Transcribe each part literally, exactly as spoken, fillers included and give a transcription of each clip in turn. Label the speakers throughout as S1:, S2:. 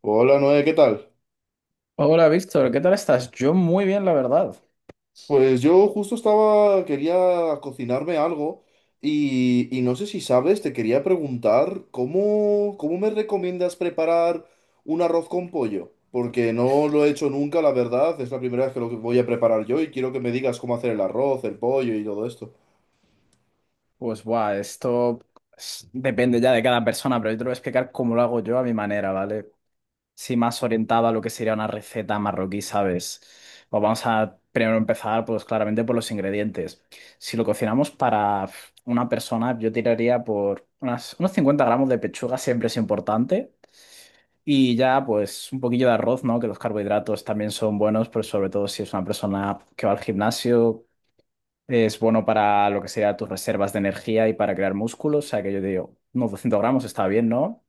S1: Hola Noé, ¿qué tal?
S2: Hola Víctor, ¿qué tal estás? Yo muy bien, la verdad.
S1: Pues yo justo estaba, quería cocinarme algo y, y no sé si sabes, te quería preguntar cómo, cómo me recomiendas preparar un arroz con pollo, porque no lo he hecho nunca, la verdad, es la primera vez que lo voy a preparar yo y quiero que me digas cómo hacer el arroz, el pollo y todo esto.
S2: Pues buah, esto es- depende ya de cada persona, pero yo te lo voy a explicar cómo lo hago yo a mi manera, ¿vale? Si más orientado a lo que sería una receta marroquí, ¿sabes? Pues vamos a primero empezar, pues claramente por los ingredientes. Si lo cocinamos para una persona, yo tiraría por unas- unos cincuenta gramos de pechuga, siempre es importante. Y ya, pues un poquillo de arroz, ¿no? Que los carbohidratos también son buenos, pero sobre todo si es una persona que va al gimnasio. Es bueno para lo que sea tus reservas de energía y para crear músculos. O sea que yo digo, unos doscientos gramos está bien, ¿no?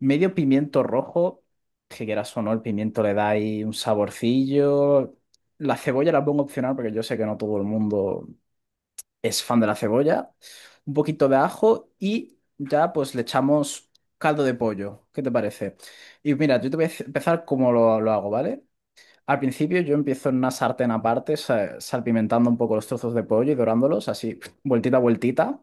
S2: Medio pimiento rojo, que quieras o no, el pimiento le da ahí un saborcillo. La cebolla la pongo opcional porque yo sé que no todo el mundo es fan de la cebolla. Un poquito de ajo y ya pues le echamos caldo de pollo. ¿Qué te parece? Y mira, yo te voy a empezar como lo, lo hago, ¿vale? Al principio yo empiezo en una sartén aparte, sa- salpimentando un poco los trozos de pollo y dorándolos, así, vueltita a vueltita,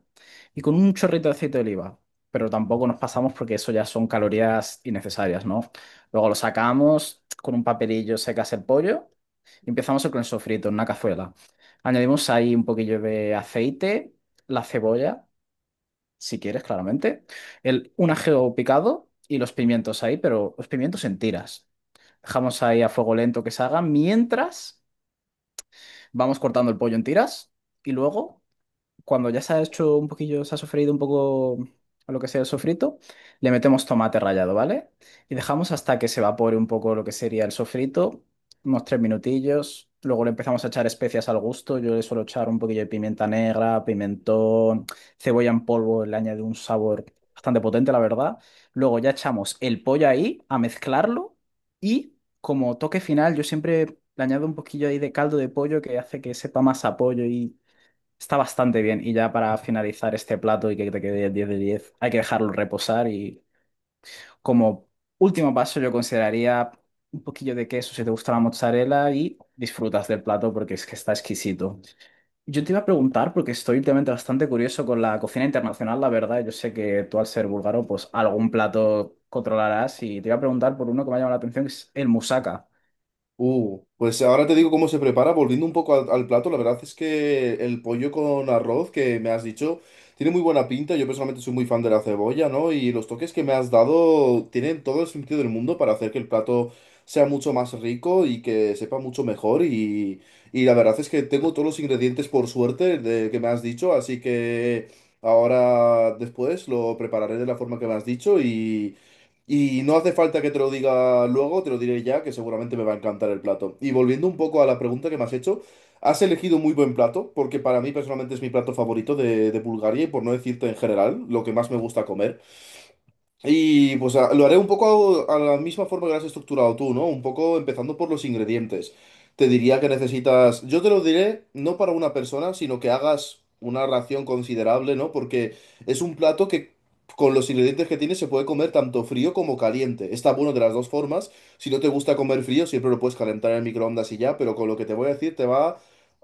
S2: y con un chorrito de aceite de oliva. Pero tampoco nos pasamos porque eso ya son calorías innecesarias, ¿no? Luego lo sacamos, con un papelillo secas el pollo y empezamos con el sofrito en una cazuela. Añadimos ahí un poquillo de aceite, la cebolla, si quieres, claramente, el, un ajeo picado y los pimientos ahí, pero los pimientos en tiras, dejamos ahí a fuego lento que se haga, mientras vamos cortando el pollo en tiras y luego cuando ya se ha hecho un poquillo, se ha sofreído un poco a lo que sea el sofrito, le metemos tomate rallado, ¿vale? Y dejamos hasta que se evapore un poco lo que sería el sofrito, unos tres minutillos. Luego le empezamos a echar especias al gusto. Yo le suelo echar un poquillo de pimienta negra, pimentón, cebolla en polvo, le añade un sabor bastante potente, la verdad. Luego ya echamos el pollo ahí a mezclarlo y, como toque final, yo siempre le añado un poquillo ahí de caldo de pollo que hace que sepa más a pollo y está bastante bien. Y ya para finalizar este plato y que te quede diez de diez, hay que dejarlo reposar. Y como último paso, yo consideraría un poquillo de queso si te gusta la mozzarella y disfrutas del plato, porque es que está exquisito. Yo te iba a preguntar, porque estoy últimamente bastante curioso con la cocina internacional, la verdad. Yo sé que tú, al ser búlgaro, pues algún plato controlarás. Y te iba a preguntar por uno que me ha llamado la atención, que es el moussaka.
S1: Uh, pues ahora te digo cómo se prepara, volviendo un poco al, al plato, la verdad es que el pollo con arroz que me has dicho tiene muy buena pinta, yo personalmente soy muy fan de la cebolla, ¿no? Y los toques que me has dado tienen todo el sentido del mundo para hacer que el plato sea mucho más rico y que sepa mucho mejor y, y la verdad es que tengo todos los ingredientes por suerte de que me has dicho, así que ahora después lo prepararé de la forma que me has dicho y no hace falta que te lo diga luego, te lo diré ya, que seguramente me va a encantar el plato. Y volviendo un poco a la pregunta que me has hecho, has elegido muy buen plato, porque para mí personalmente es mi plato favorito de, de Bulgaria y por no decirte en general, lo que más me gusta comer. Y pues a- lo haré un poco a, a la misma forma que lo has estructurado tú, ¿no? Un poco empezando por los ingredientes. Te diría que necesitas, yo te lo diré no para una persona, sino que hagas una ración considerable, ¿no? Porque es un plato que con los ingredientes que tiene se puede comer tanto frío como caliente. Está bueno de las dos formas. Si no te gusta comer frío, siempre lo puedes calentar en el microondas y ya, pero con lo que te voy a decir te va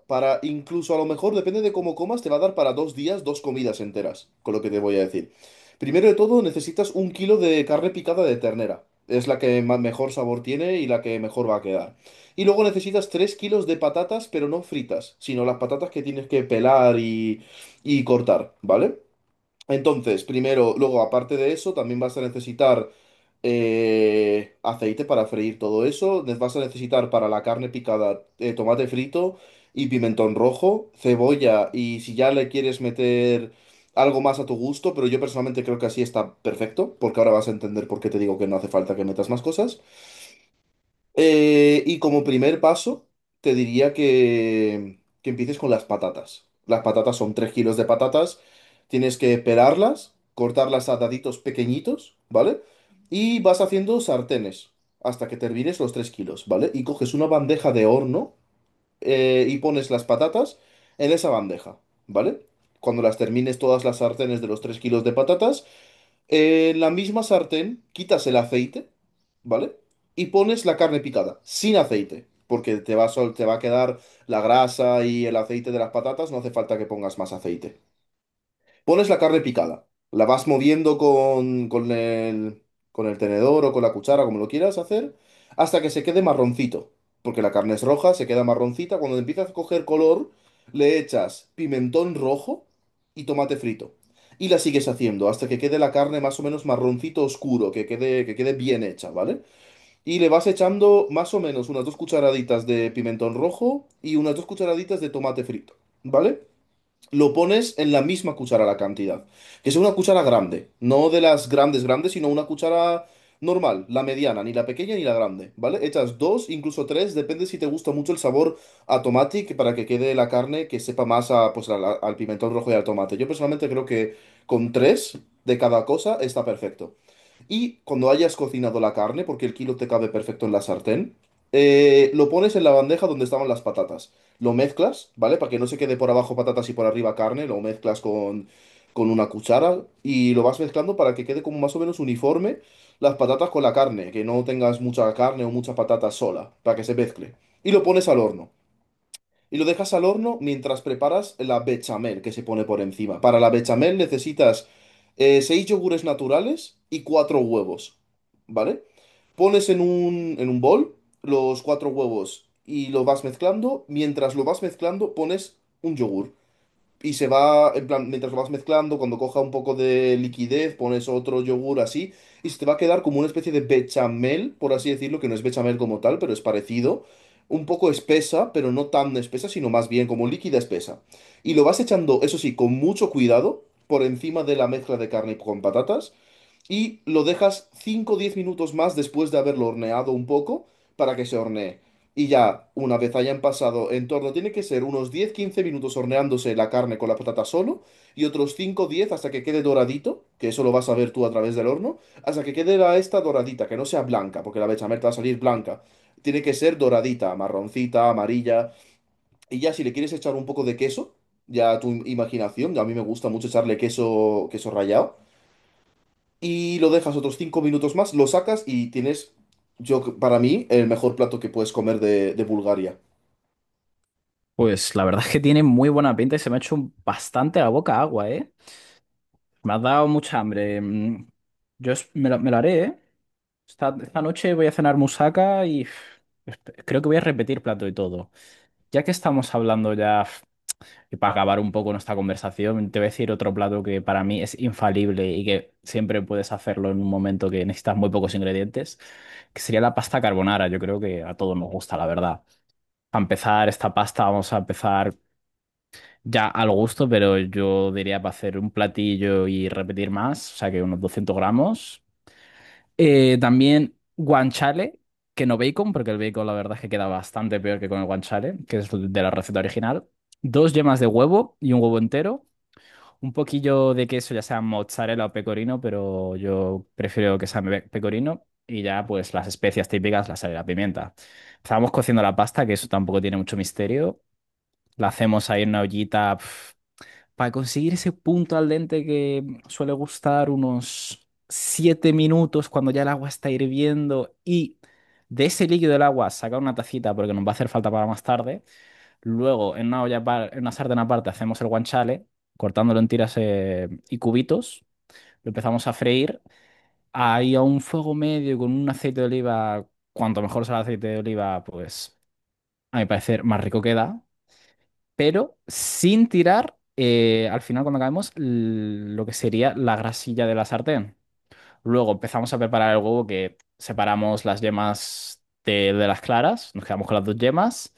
S1: para, incluso a lo mejor, depende de cómo comas, te va a dar para dos días dos comidas enteras, con lo que te voy a decir. Primero de todo, necesitas un kilo de carne picada de ternera. Es la que ma- mejor sabor tiene y la que mejor va a quedar. Y luego necesitas tres kilos de patatas, pero no fritas, sino las patatas que tienes que pelar y, y cortar, ¿vale? Entonces, primero, luego, aparte de eso, también vas a necesitar eh, aceite para freír todo eso. Ne- Vas a necesitar para la carne picada eh, tomate frito y pimentón rojo, cebolla y si ya le quieres meter algo más a tu gusto, pero yo personalmente creo que así está perfecto, porque ahora vas a entender por qué te digo que no hace falta que metas más cosas. Eh, y como primer paso, te diría que, que empieces con las patatas. Las patatas son tres kilos de patatas. Tienes que pelarlas, cortarlas a daditos pequeñitos, ¿vale? Y vas haciendo sartenes hasta que te hervires los tres kilos, ¿vale? Y coges una bandeja de horno eh, y pones las patatas en esa bandeja, ¿vale? Cuando las termines todas las sartenes de los tres kilos de patatas, en la misma sartén quitas el aceite, ¿vale? Y pones la carne picada, sin aceite, porque te va a, sol- te va a quedar la grasa y el aceite de las patatas, no hace falta que pongas más aceite. Pones la carne picada, la vas moviendo con, con el, con el tenedor o con la cuchara, como lo quieras hacer, hasta que se quede marroncito. Porque la carne es roja, se queda marroncita. Cuando empieza a coger color, le echas pimentón rojo y tomate frito. Y la sigues haciendo hasta que quede la carne más o menos marroncito oscuro, que quede, que quede bien hecha, ¿vale? Y le vas echando más o menos unas dos cucharaditas de pimentón rojo y unas dos cucharaditas de tomate frito, ¿vale? Lo pones en la misma cuchara la cantidad. Que sea una cuchara grande. No de las grandes grandes, sino una cuchara normal, la mediana, ni la pequeña ni la grande, ¿vale? Echas dos, incluso tres, depende si te gusta mucho el sabor a tomate, que para que quede la carne que sepa más a, pues, al, al pimentón rojo y al tomate. Yo personalmente creo que con tres de cada cosa está perfecto. Y cuando hayas cocinado la carne, porque el kilo te cabe perfecto en la sartén, eh, lo pones en la bandeja donde estaban las patatas. Lo mezclas, ¿vale? Para que no se quede por abajo patatas y por arriba carne, lo mezclas con, con una cuchara y lo vas mezclando para que quede como más o menos uniforme las patatas con la carne, que no tengas mucha carne o mucha patata sola, para que se mezcle. Y lo pones al horno. Y lo dejas al horno mientras preparas la bechamel que se pone por encima. Para la bechamel necesitas eh, seis yogures naturales y cuatro huevos, ¿vale? Pones en un, en un bol los cuatro huevos y lo vas mezclando. Mientras lo vas mezclando, pones un yogur. Y se va, en plan, mientras lo vas mezclando, cuando coja un poco de liquidez, pones otro yogur así, y se te va a quedar como una especie de bechamel, por así decirlo, que no es bechamel como tal, pero es parecido. Un poco espesa, pero no tan espesa, sino más bien como líquida espesa. Y lo vas echando, eso sí, con mucho cuidado, por encima de la mezcla de carne con patatas, y lo dejas cinco o diez minutos más después de haberlo horneado un poco para que se hornee. Y ya, una vez hayan pasado en torno, tiene que ser unos diez quince minutos horneándose la carne con la patata solo y otros cinco diez hasta que quede doradito, que eso lo vas a ver tú a través del horno, hasta que quede la esta doradita, que no sea blanca, porque la bechamel te va a salir blanca. Tiene que ser doradita, marroncita, amarilla. Y ya si le quieres echar un poco de queso, ya a tu imaginación, a mí me gusta mucho echarle queso, queso rallado y lo dejas otros cinco minutos más, lo sacas y tienes, yo para mí, el mejor plato que puedes comer de, de Bulgaria.
S2: Pues la verdad es que tiene muy buena pinta y se me ha hecho bastante la boca agua, ¿eh? Me has dado mucha hambre. Mm, Yo es- me lo, me lo haré, ¿eh? Esta, esta noche voy a cenar musaca y uf, esp- creo que voy a repetir plato y todo. Ya que estamos hablando ya, uf, y para acabar un poco nuestra conversación, te voy a decir otro plato que para mí es infalible y que siempre puedes hacerlo en un momento, que necesitas muy pocos ingredientes, que sería la pasta carbonara. Yo creo que a todos nos gusta, la verdad. A empezar esta pasta, vamos a empezar. Ya al gusto, pero yo diría para hacer un platillo y repetir más, o sea que unos doscientos gramos. Eh, también guanciale, que no bacon, porque el bacon la verdad es que queda bastante peor que con el guanciale, que es de la receta original. Dos yemas de huevo y un huevo entero. Un poquillo de queso, ya sea mozzarella o pecorino, pero yo prefiero que sea me- pecorino. Y ya pues las especias típicas, la sal y la pimienta. Estábamos cociendo la pasta, que eso tampoco tiene mucho misterio. La hacemos ahí en una ollita. Para conseguir ese punto al dente que suele gustar unos siete minutos cuando ya el agua está hirviendo, y de ese líquido del agua sacar una tacita porque nos va a hacer falta para más tarde. Luego en una olla, par- en una sartén aparte hacemos el guanciale cortándolo en tiras eh, y cubitos. Lo empezamos a freír ahí a un fuego medio con un aceite de oliva. Cuanto mejor sea el aceite de oliva, pues a mi parecer más rico queda, pero sin tirar, eh, al final cuando acabemos, l- lo que sería la grasilla de la sartén. Luego empezamos a preparar el huevo, que separamos las yemas de, de las claras, nos quedamos con las dos yemas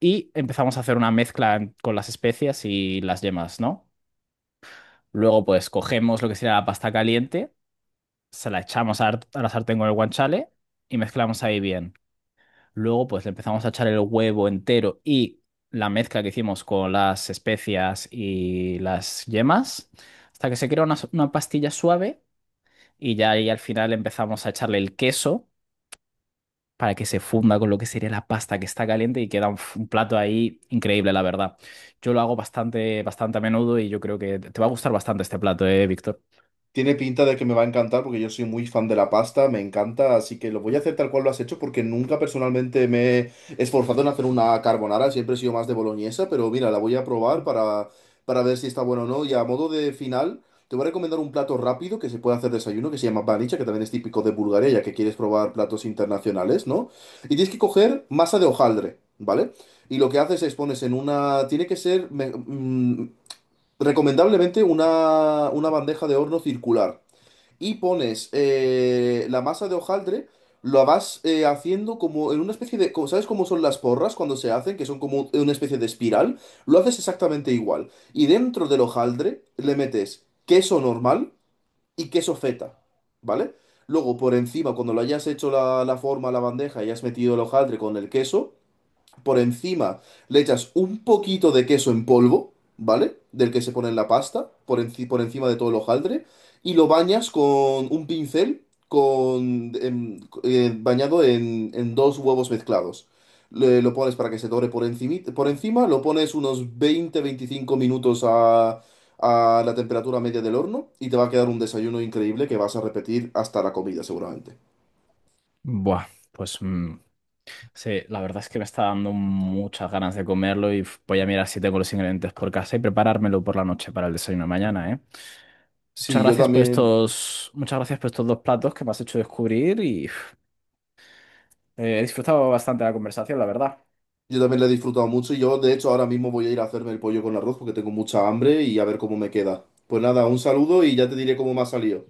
S2: y empezamos a hacer una mezcla en- con las especias y las yemas, ¿no? Luego pues cogemos lo que sería la pasta caliente, se la echamos a, a la sartén con el guanciale y mezclamos ahí bien. Luego, pues le empezamos a echar el huevo entero y la mezcla que hicimos con las especias y las yemas, hasta que se crea una, una pastilla suave, y ya ahí al final empezamos a echarle el queso para que se funda con lo que sería la pasta que está caliente, y queda un, f- un plato ahí increíble, la verdad. Yo lo hago bastante, bastante a menudo, y yo creo que te va a gustar bastante este plato, ¿eh, Víctor?
S1: Tiene pinta de que me va a encantar porque yo soy muy fan de la pasta, me encanta, así que lo voy a hacer tal cual lo has hecho porque nunca personalmente me he esforzado en hacer una carbonara, siempre he sido más de boloñesa, pero mira, la voy a probar para, para ver si está bueno o no. Y a modo de final, te voy a recomendar un plato rápido que se puede hacer desayuno que se llama banicha, que también es típico de Bulgaria, ya que quieres probar platos internacionales, ¿no? Y tienes que coger masa de hojaldre, ¿vale? Y lo que haces es pones en una... Tiene que ser... me- mm, Recomendablemente una, una bandeja de horno circular y pones eh, la masa de hojaldre, lo vas eh, haciendo como en una especie de... como- ¿Sabes cómo son las porras cuando se hacen? Que son como una especie de espiral. Lo haces exactamente igual. Y dentro del hojaldre le metes queso normal y queso feta, ¿vale? Luego por encima, cuando lo hayas hecho la, la forma, la bandeja y has metido el hojaldre con el queso, por encima le echas un poquito de queso en polvo, ¿vale? Del que se pone en la pasta, por, enci- por encima de todo el hojaldre, y lo bañas con un pincel con, em, eh, bañado en, en dos huevos mezclados. Le- lo pones para que se dore por encima, por encima, lo pones unos veinte veinticinco minutos a, a la temperatura media del horno y te va a quedar un desayuno increíble que vas a repetir hasta la comida seguramente.
S2: Buah, pues mm, sí, la verdad es que me está dando muchas ganas de comerlo y uf, voy a mirar si tengo los ingredientes por casa y preparármelo por la noche para el desayuno de mañana, ¿eh? Muchas
S1: Sí, yo
S2: gracias por
S1: también.
S2: estos, muchas gracias por estos dos platos que me has hecho descubrir y uf, eh, he disfrutado bastante la conversación, la verdad.
S1: Yo también la he disfrutado mucho y yo, de hecho, ahora mismo voy a ir a hacerme el pollo con arroz porque tengo mucha hambre y a ver cómo me queda. Pues nada, un saludo y ya te diré cómo me ha salido.